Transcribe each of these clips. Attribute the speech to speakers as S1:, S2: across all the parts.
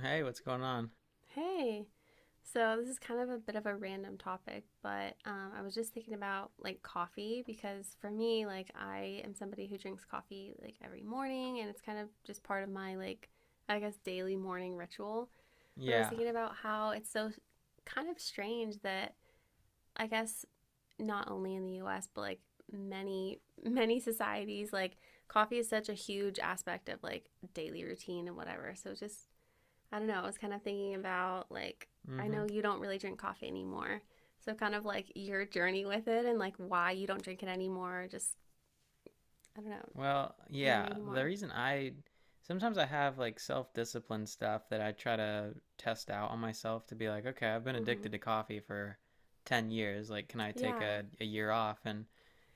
S1: Hey, what's going on?
S2: Hey, so this is kind of a bit of a random topic, but I was just thinking about like coffee because for me, like, I am somebody who drinks coffee like every morning and it's kind of just part of my like, I guess, daily morning ritual. But I was
S1: Yeah.
S2: thinking about how it's so kind of strange that I guess not only in the US, but like many, many societies, like coffee is such a huge aspect of like daily routine and whatever. So it's just, I don't know, I was kind of thinking about like, I
S1: Mm-hmm.
S2: know you don't really drink coffee anymore. So kind of like your journey with it and like why you don't drink it anymore, just I don't know,
S1: Well, yeah.
S2: learning
S1: The
S2: more.
S1: reason I sometimes I have like self-discipline stuff that I try to test out on myself to be like, okay, I've been
S2: Mhm.
S1: addicted to coffee for 10 years. Like, can I take
S2: Yeah.
S1: a year off? And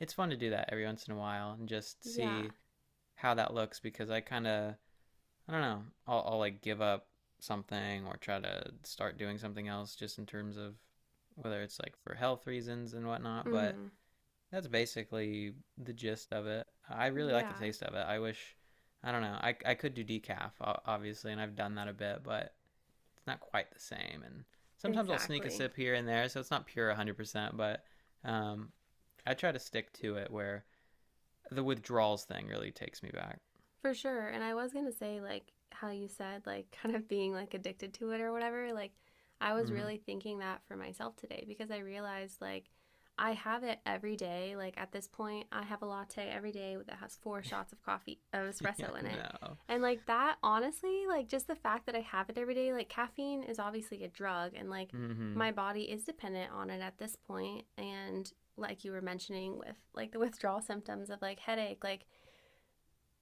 S1: it's fun to do that every once in a while and just
S2: Yeah.
S1: see how that looks because I kind of, I don't know, I'll like give up something or try to start doing something else just in terms of whether it's like for health reasons and whatnot. But
S2: Mhm.
S1: that's basically the gist of it. I really like the
S2: Yeah.
S1: taste of it. I wish, I don't know, I could do decaf, obviously, and I've done that a bit, but it's not quite the same. And sometimes I'll sneak a
S2: Exactly.
S1: sip here and there, so it's not pure 100%, but um, I try to stick to it where the withdrawals thing really takes me back.
S2: For sure. And I was going to say, like, how you said, like, kind of being like addicted to it or whatever. Like, I was
S1: Hmm.
S2: really thinking that for myself today because I realized, like, I have it every day. Like, at this point, I have a latte every day that has four shots of coffee, of
S1: Yeah,
S2: espresso in it.
S1: no.
S2: And, like, that honestly, like, just the fact that I have it every day, like, caffeine is obviously a drug. And, like,
S1: Hmm.
S2: my body is dependent on it at this point. And, like, you were mentioning with, like, the withdrawal symptoms of, like, headache, like,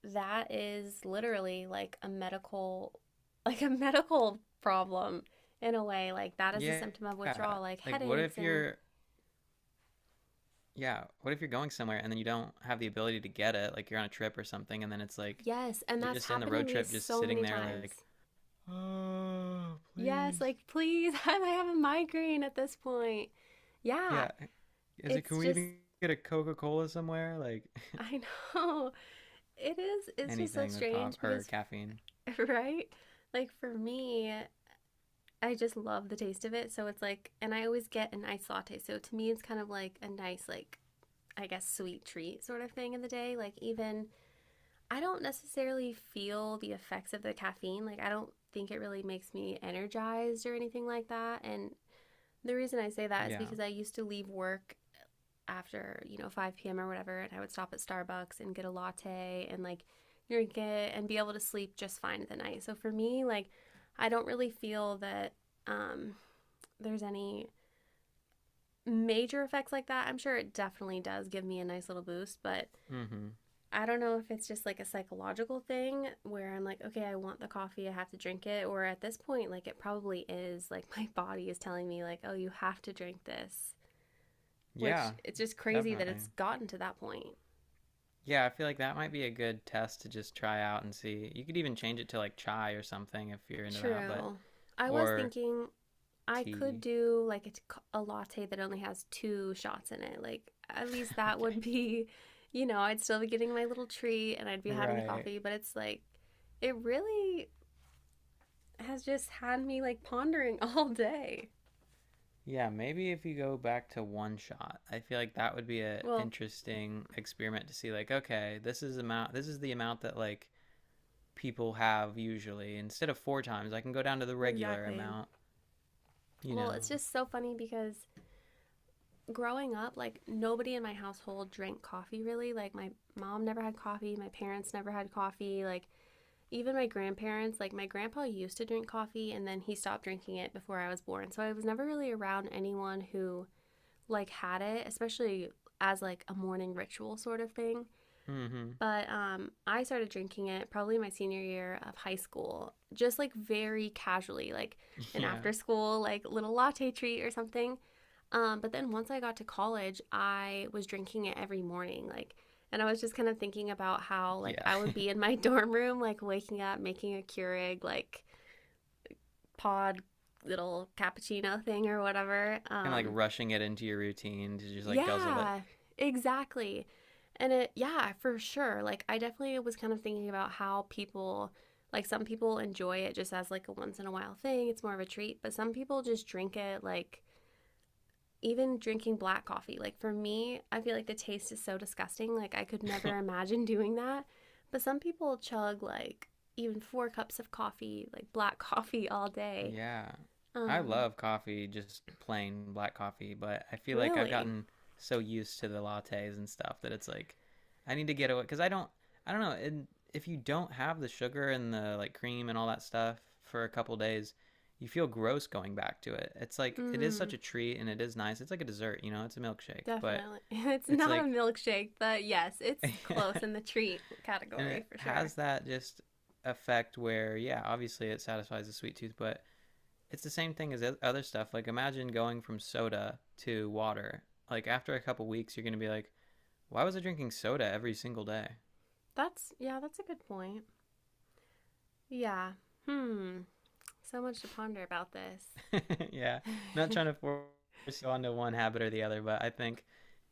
S2: that is literally like a medical like a medical problem in a way, like that is a
S1: Yeah.
S2: symptom of withdrawal like
S1: Like, what
S2: headaches
S1: if
S2: and
S1: you're Yeah. what if you're going somewhere and then you don't have the ability to get it? Like you're on a trip or something, and then it's like
S2: yes, and
S1: you're
S2: that's
S1: just in the
S2: happened to
S1: road
S2: me
S1: trip, just
S2: so
S1: sitting
S2: many
S1: there, like,
S2: times.
S1: oh,
S2: Yes,
S1: please.
S2: like, please, I have a migraine at this point. Yeah,
S1: Yeah, is it?
S2: it's
S1: Can we
S2: just,
S1: even get a Coca Cola somewhere? Like
S2: I know it's just so
S1: anything with coffee
S2: strange
S1: or
S2: because
S1: caffeine.
S2: right. Like, for me, I just love the taste of it, so it's like, and I always get an iced latte, so to me it's kind of like a nice like, I guess, sweet treat sort of thing in the day. Like, even I don't necessarily feel the effects of the caffeine. Like, I don't think it really makes me energized or anything like that. And the reason I say that is
S1: Yeah.
S2: because I used to leave work after, you know, 5 p.m. or whatever, and I would stop at Starbucks and get a latte and like drink it and be able to sleep just fine at the night. So for me, like, I don't really feel that um, there's any major effects like that. I'm sure it definitely does give me a nice little boost, but
S1: Mm-hmm.
S2: I don't know if it's just like a psychological thing where I'm like, okay, I want the coffee, I have to drink it. Or at this point, like, it probably is like my body is telling me, like, oh, you have to drink this, which,
S1: Yeah.
S2: it's just crazy that
S1: Definitely.
S2: it's gotten to that point.
S1: Yeah. I feel like that might be a good test to just try out and see. You could even change it to like chai or something if you're into that, but
S2: True. I was
S1: or
S2: thinking I could
S1: tea.
S2: do like a latte that only has two shots in it. Like, at least that
S1: Okay.
S2: would be, you know, I'd still be getting my little treat and I'd be having the
S1: Right.
S2: coffee, but it's like, it really has just had me like pondering all day.
S1: Yeah, maybe if you go back to one shot, I feel like that would be a
S2: Well,
S1: interesting experiment to see like, okay, this is the amount that like people have usually. Instead of four times, I can go down to the regular
S2: exactly.
S1: amount, you
S2: Well, it's
S1: know.
S2: just so funny because growing up, like nobody in my household drank coffee really. Like my mom never had coffee, my parents never had coffee, like even my grandparents, like my grandpa used to drink coffee and then he stopped drinking it before I was born. So I was never really around anyone who like had it, especially as like a morning ritual sort of thing.
S1: Mhm.
S2: But I started drinking it probably my senior year of high school, just like very casually, like an
S1: Yeah.
S2: after school, like little latte treat or something. But then once I got to college, I was drinking it every morning, like. And I was just kind of thinking about how, like,
S1: Yeah.
S2: I would
S1: Kind
S2: be in my dorm room, like, waking up, making a Keurig, like, pod little cappuccino thing or whatever.
S1: of like
S2: Um,
S1: rushing it into your routine to just like guzzle it.
S2: yeah, exactly. And it, yeah, for sure. Like, I definitely was kind of thinking about how people, like, some people enjoy it just as like a once in a while thing. It's more of a treat, but some people just drink it like even drinking black coffee. Like, for me, I feel like the taste is so disgusting. Like, I could never imagine doing that. But some people chug like even four cups of coffee, like black coffee all day.
S1: Yeah. I
S2: Um,
S1: love coffee, just plain black coffee, but I feel like I've
S2: really?
S1: gotten so used to the lattes and stuff that it's like I need to get away because I don't know, and if you don't have the sugar and the like cream and all that stuff for a couple days, you feel gross going back to it. It's like it is
S2: Mm.
S1: such a treat and it is nice. It's like a dessert, you know, it's a milkshake, but
S2: Definitely. It's
S1: it's
S2: not a
S1: like
S2: milkshake, but yes, it's
S1: and
S2: close in the treat
S1: it
S2: category for sure.
S1: has that just effect where yeah, obviously it satisfies the sweet tooth, but it's the same thing as other stuff. Like imagine going from soda to water. Like after a couple weeks, you're gonna be like, why was I drinking soda every single day?
S2: That's, yeah, that's a good point. Yeah. Hmm. So much to ponder about this.
S1: Yeah, not trying to force you onto one habit or the other, but I think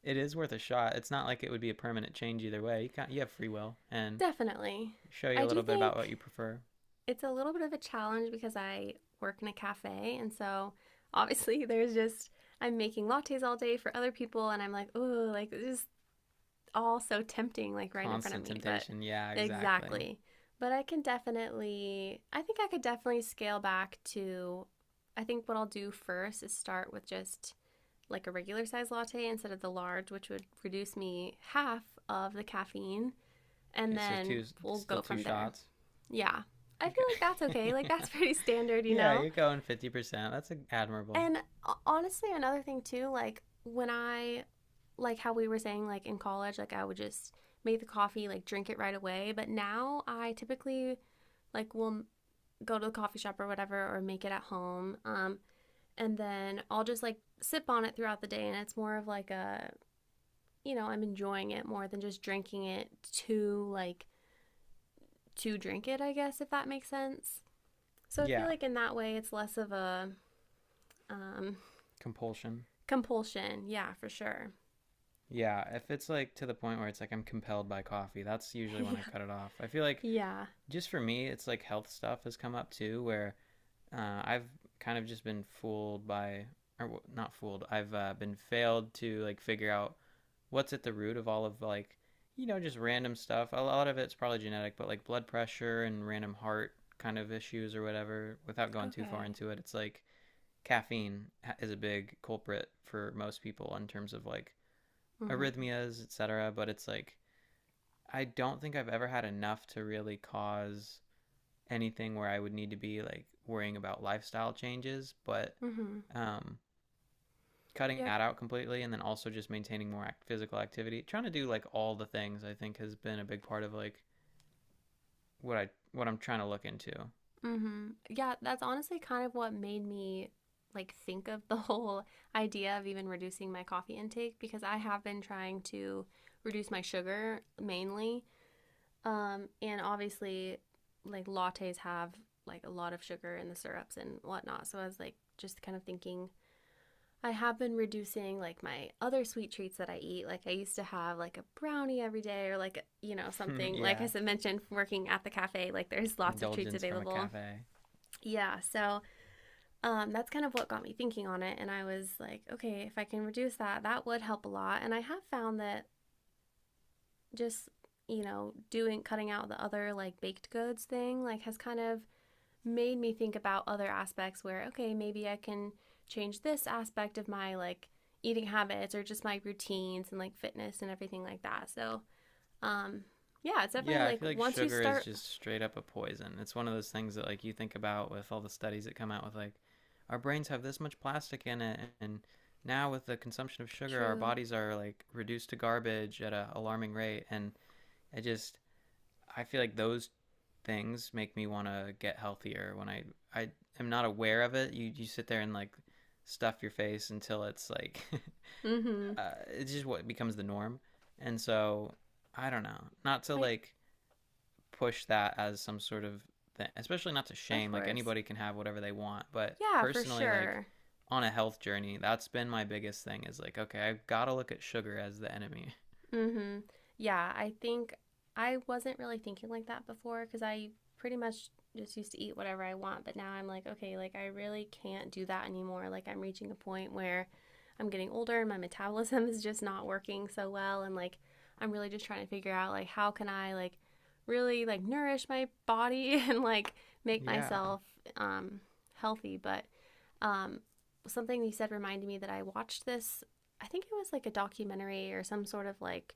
S1: it is worth a shot. It's not like it would be a permanent change either way. You have free will and
S2: Definitely.
S1: show
S2: I
S1: you a
S2: do
S1: little bit about what
S2: think
S1: you prefer.
S2: it's a little bit of a challenge because I work in a cafe, and so obviously there's just, I'm making lattes all day for other people, and I'm like, oh, like, just all so tempting, like right in front of
S1: Constant
S2: me, but
S1: temptation. Yeah, exactly.
S2: exactly. But I can definitely, I think I could definitely scale back to, I think what I'll do first is start with just like a regular size latte instead of the large, which would reduce me half of the caffeine. And
S1: Okay, so
S2: then
S1: two
S2: we'll
S1: still
S2: go
S1: two
S2: from there.
S1: shots.
S2: Yeah. I feel like that's okay.
S1: Okay.
S2: Like, that's pretty standard, you
S1: Yeah,
S2: know?
S1: you're going 50%. That's admirable.
S2: And honestly, another thing too, like, when I, like how we were saying like in college, like I would just make the coffee, like drink it right away, but now I typically like will go to the coffee shop or whatever or make it at home. And then I'll just like sip on it throughout the day and it's more of like a, you know, I'm enjoying it more than just drinking it to like to drink it, I guess if that makes sense. So I feel
S1: Yeah.
S2: like in that way it's less of a um
S1: Compulsion.
S2: compulsion. Yeah, for sure.
S1: Yeah, if it's like to the point where it's like I'm compelled by coffee, that's usually when
S2: yeah.
S1: I cut it off. I feel like
S2: Yeah.
S1: just for me, it's like health stuff has come up too, where I've kind of just been fooled by, or not fooled, I've been failed to like figure out what's at the root of all of like, you know, just random stuff. A lot of it's probably genetic, but like blood pressure and random heart kind of issues or whatever, without going too far
S2: Okay.
S1: into it, it's like caffeine is a big culprit for most people in terms of like
S2: Mhm.
S1: arrhythmias, etc. But it's like I don't think I've ever had enough to really cause anything where I would need to be like worrying about lifestyle changes. But
S2: Mhm.
S1: um, cutting
S2: Yeah,
S1: that out completely, and then also just maintaining more physical activity, trying to do like all the things, I think has been a big part of like what I'm trying to look into.
S2: Mm-hmm. Yeah, that's honestly kind of what made me like think of the whole idea of even reducing my coffee intake because I have been trying to reduce my sugar mainly. And obviously, like lattes have like a lot of sugar in the syrups and whatnot. So I was like just kind of thinking I have been reducing like my other sweet treats that I eat. Like I used to have like a brownie every day or like you know something like
S1: Yeah,
S2: I mentioned working at the cafe like there's lots of treats
S1: indulgence from a
S2: available.
S1: cafe.
S2: Yeah, so that's kind of what got me thinking on it. And I was like, okay, if I can reduce that, that would help a lot. And I have found that just, you know, doing cutting out the other like baked goods thing, like has kind of made me think about other aspects where, okay, maybe I can change this aspect of my like eating habits or just my routines and like fitness and everything like that. So, um, yeah, it's definitely
S1: Yeah, I
S2: like
S1: feel like
S2: once you
S1: sugar is
S2: start,
S1: just straight up a poison. It's one of those things that like you think about with all the studies that come out with like our brains have this much plastic in it and now with the consumption of sugar our
S2: true.
S1: bodies are like reduced to garbage at an alarming rate and I just I feel like those things make me want to get healthier when I am not aware of it. You sit there and like stuff your face until it's like
S2: Mm hmm.
S1: it's just what becomes the norm. And so I don't know. Not to
S2: I,
S1: like push that as some sort of thing, especially not to
S2: of
S1: shame. Like
S2: course.
S1: anybody can have whatever they want, but
S2: Yeah, for
S1: personally, like
S2: sure.
S1: on a health journey, that's been my biggest thing. Is like, okay, I've got to look at sugar as the enemy.
S2: Hmm. Yeah, I think I wasn't really thinking like that before because I pretty much just used to eat whatever I want. But now I'm like, okay, like I really can't do that anymore. Like I'm reaching a point where I'm getting older and my metabolism is just not working so well. And like I'm really just trying to figure out like how can I like really like nourish my body and like make
S1: Yeah.
S2: myself um healthy. But um something you said reminded me that I watched this, I think it was like a documentary or some sort of like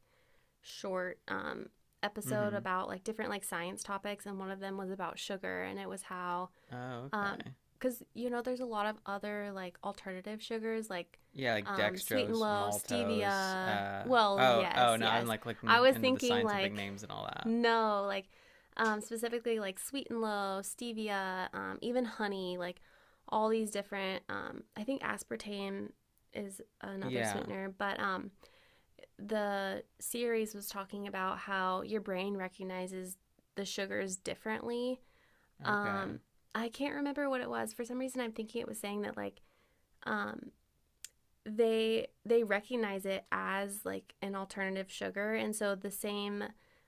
S2: short, episode
S1: Mm-hmm.
S2: about like different like science topics, and one of them was about sugar, and it was how,
S1: Oh,
S2: um,
S1: okay.
S2: because you know there's a lot of other like alternative sugars like,
S1: Yeah, like
S2: sweet and
S1: dextrose,
S2: low,
S1: maltose.
S2: stevia. Well,
S1: Oh,
S2: yes,
S1: oh, no, I'm
S2: yes.
S1: like
S2: I
S1: looking
S2: was
S1: into the
S2: thinking
S1: scientific
S2: like,
S1: names and all that.
S2: no, like, specifically like sweet and low, stevia, even honey, like all these different. I think aspartame is another
S1: Yeah.
S2: sweetener, but the series was talking about how your brain recognizes the sugars differently.
S1: Okay.
S2: um I can't remember what it was, for some reason I'm thinking it was saying that like, um they recognize it as like an alternative sugar and so the same,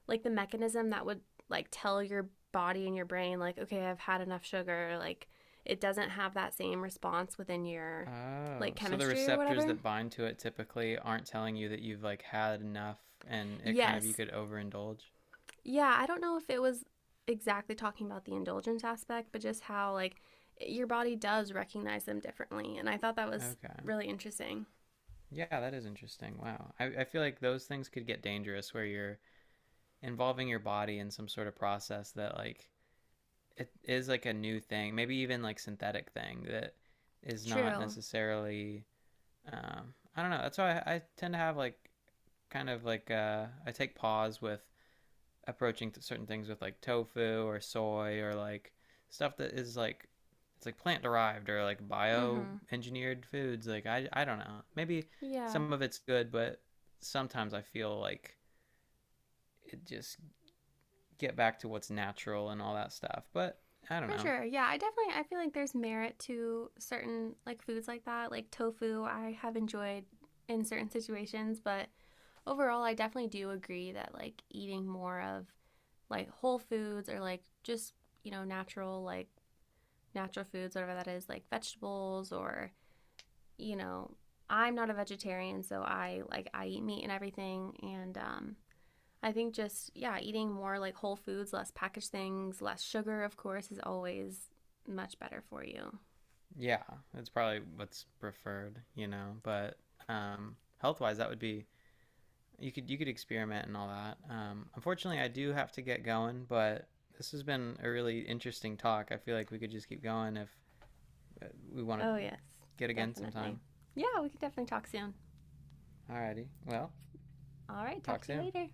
S2: like the mechanism that would like tell your body and your brain like, okay, I've had enough sugar, like it doesn't have that same response within your
S1: Oh,
S2: like
S1: so the
S2: chemistry or
S1: receptors
S2: whatever.
S1: that bind to it typically aren't telling you that you've like had enough, and it kind of you
S2: Yes.
S1: could overindulge.
S2: Yeah, I don't know if it was exactly talking about the indulgence aspect, but just how like your body does recognize them differently, and I thought that was
S1: Okay.
S2: really interesting.
S1: Yeah, that is interesting. Wow. I feel like those things could get dangerous where you're involving your body in some sort of process that like it is like a new thing, maybe even like synthetic thing that is not
S2: True.
S1: necessarily I don't know. That's why I tend to have like kind of like I take pause with approaching certain things with like tofu or soy or like stuff that is like it's like plant derived or like bio
S2: Mhm.
S1: engineered foods like I don't know maybe
S2: Yeah.
S1: some of it's good but sometimes I feel like it just get back to what's natural and all that stuff but I don't
S2: For
S1: know
S2: sure. Yeah, I definitely, I feel like there's merit to certain like foods like that, like tofu. I have enjoyed in certain situations, but overall I definitely do agree that like eating more of like whole foods or like just, you know, natural like natural foods whatever that is, like vegetables or you know, I'm not a vegetarian, so I like I eat meat and everything and I think just yeah, eating more like whole foods, less packaged things, less sugar, of course, is always much better for you.
S1: yeah it's probably what's preferred you know but health wise that would be you could experiment and all that. Unfortunately, I do have to get going, but this has been a really interesting talk. I feel like we could just keep going if uh, we want to
S2: Oh yes,
S1: get again
S2: definitely.
S1: sometime.
S2: Yeah, we can definitely talk soon.
S1: Alrighty, well,
S2: All right, talk
S1: talk
S2: to you
S1: soon.
S2: later.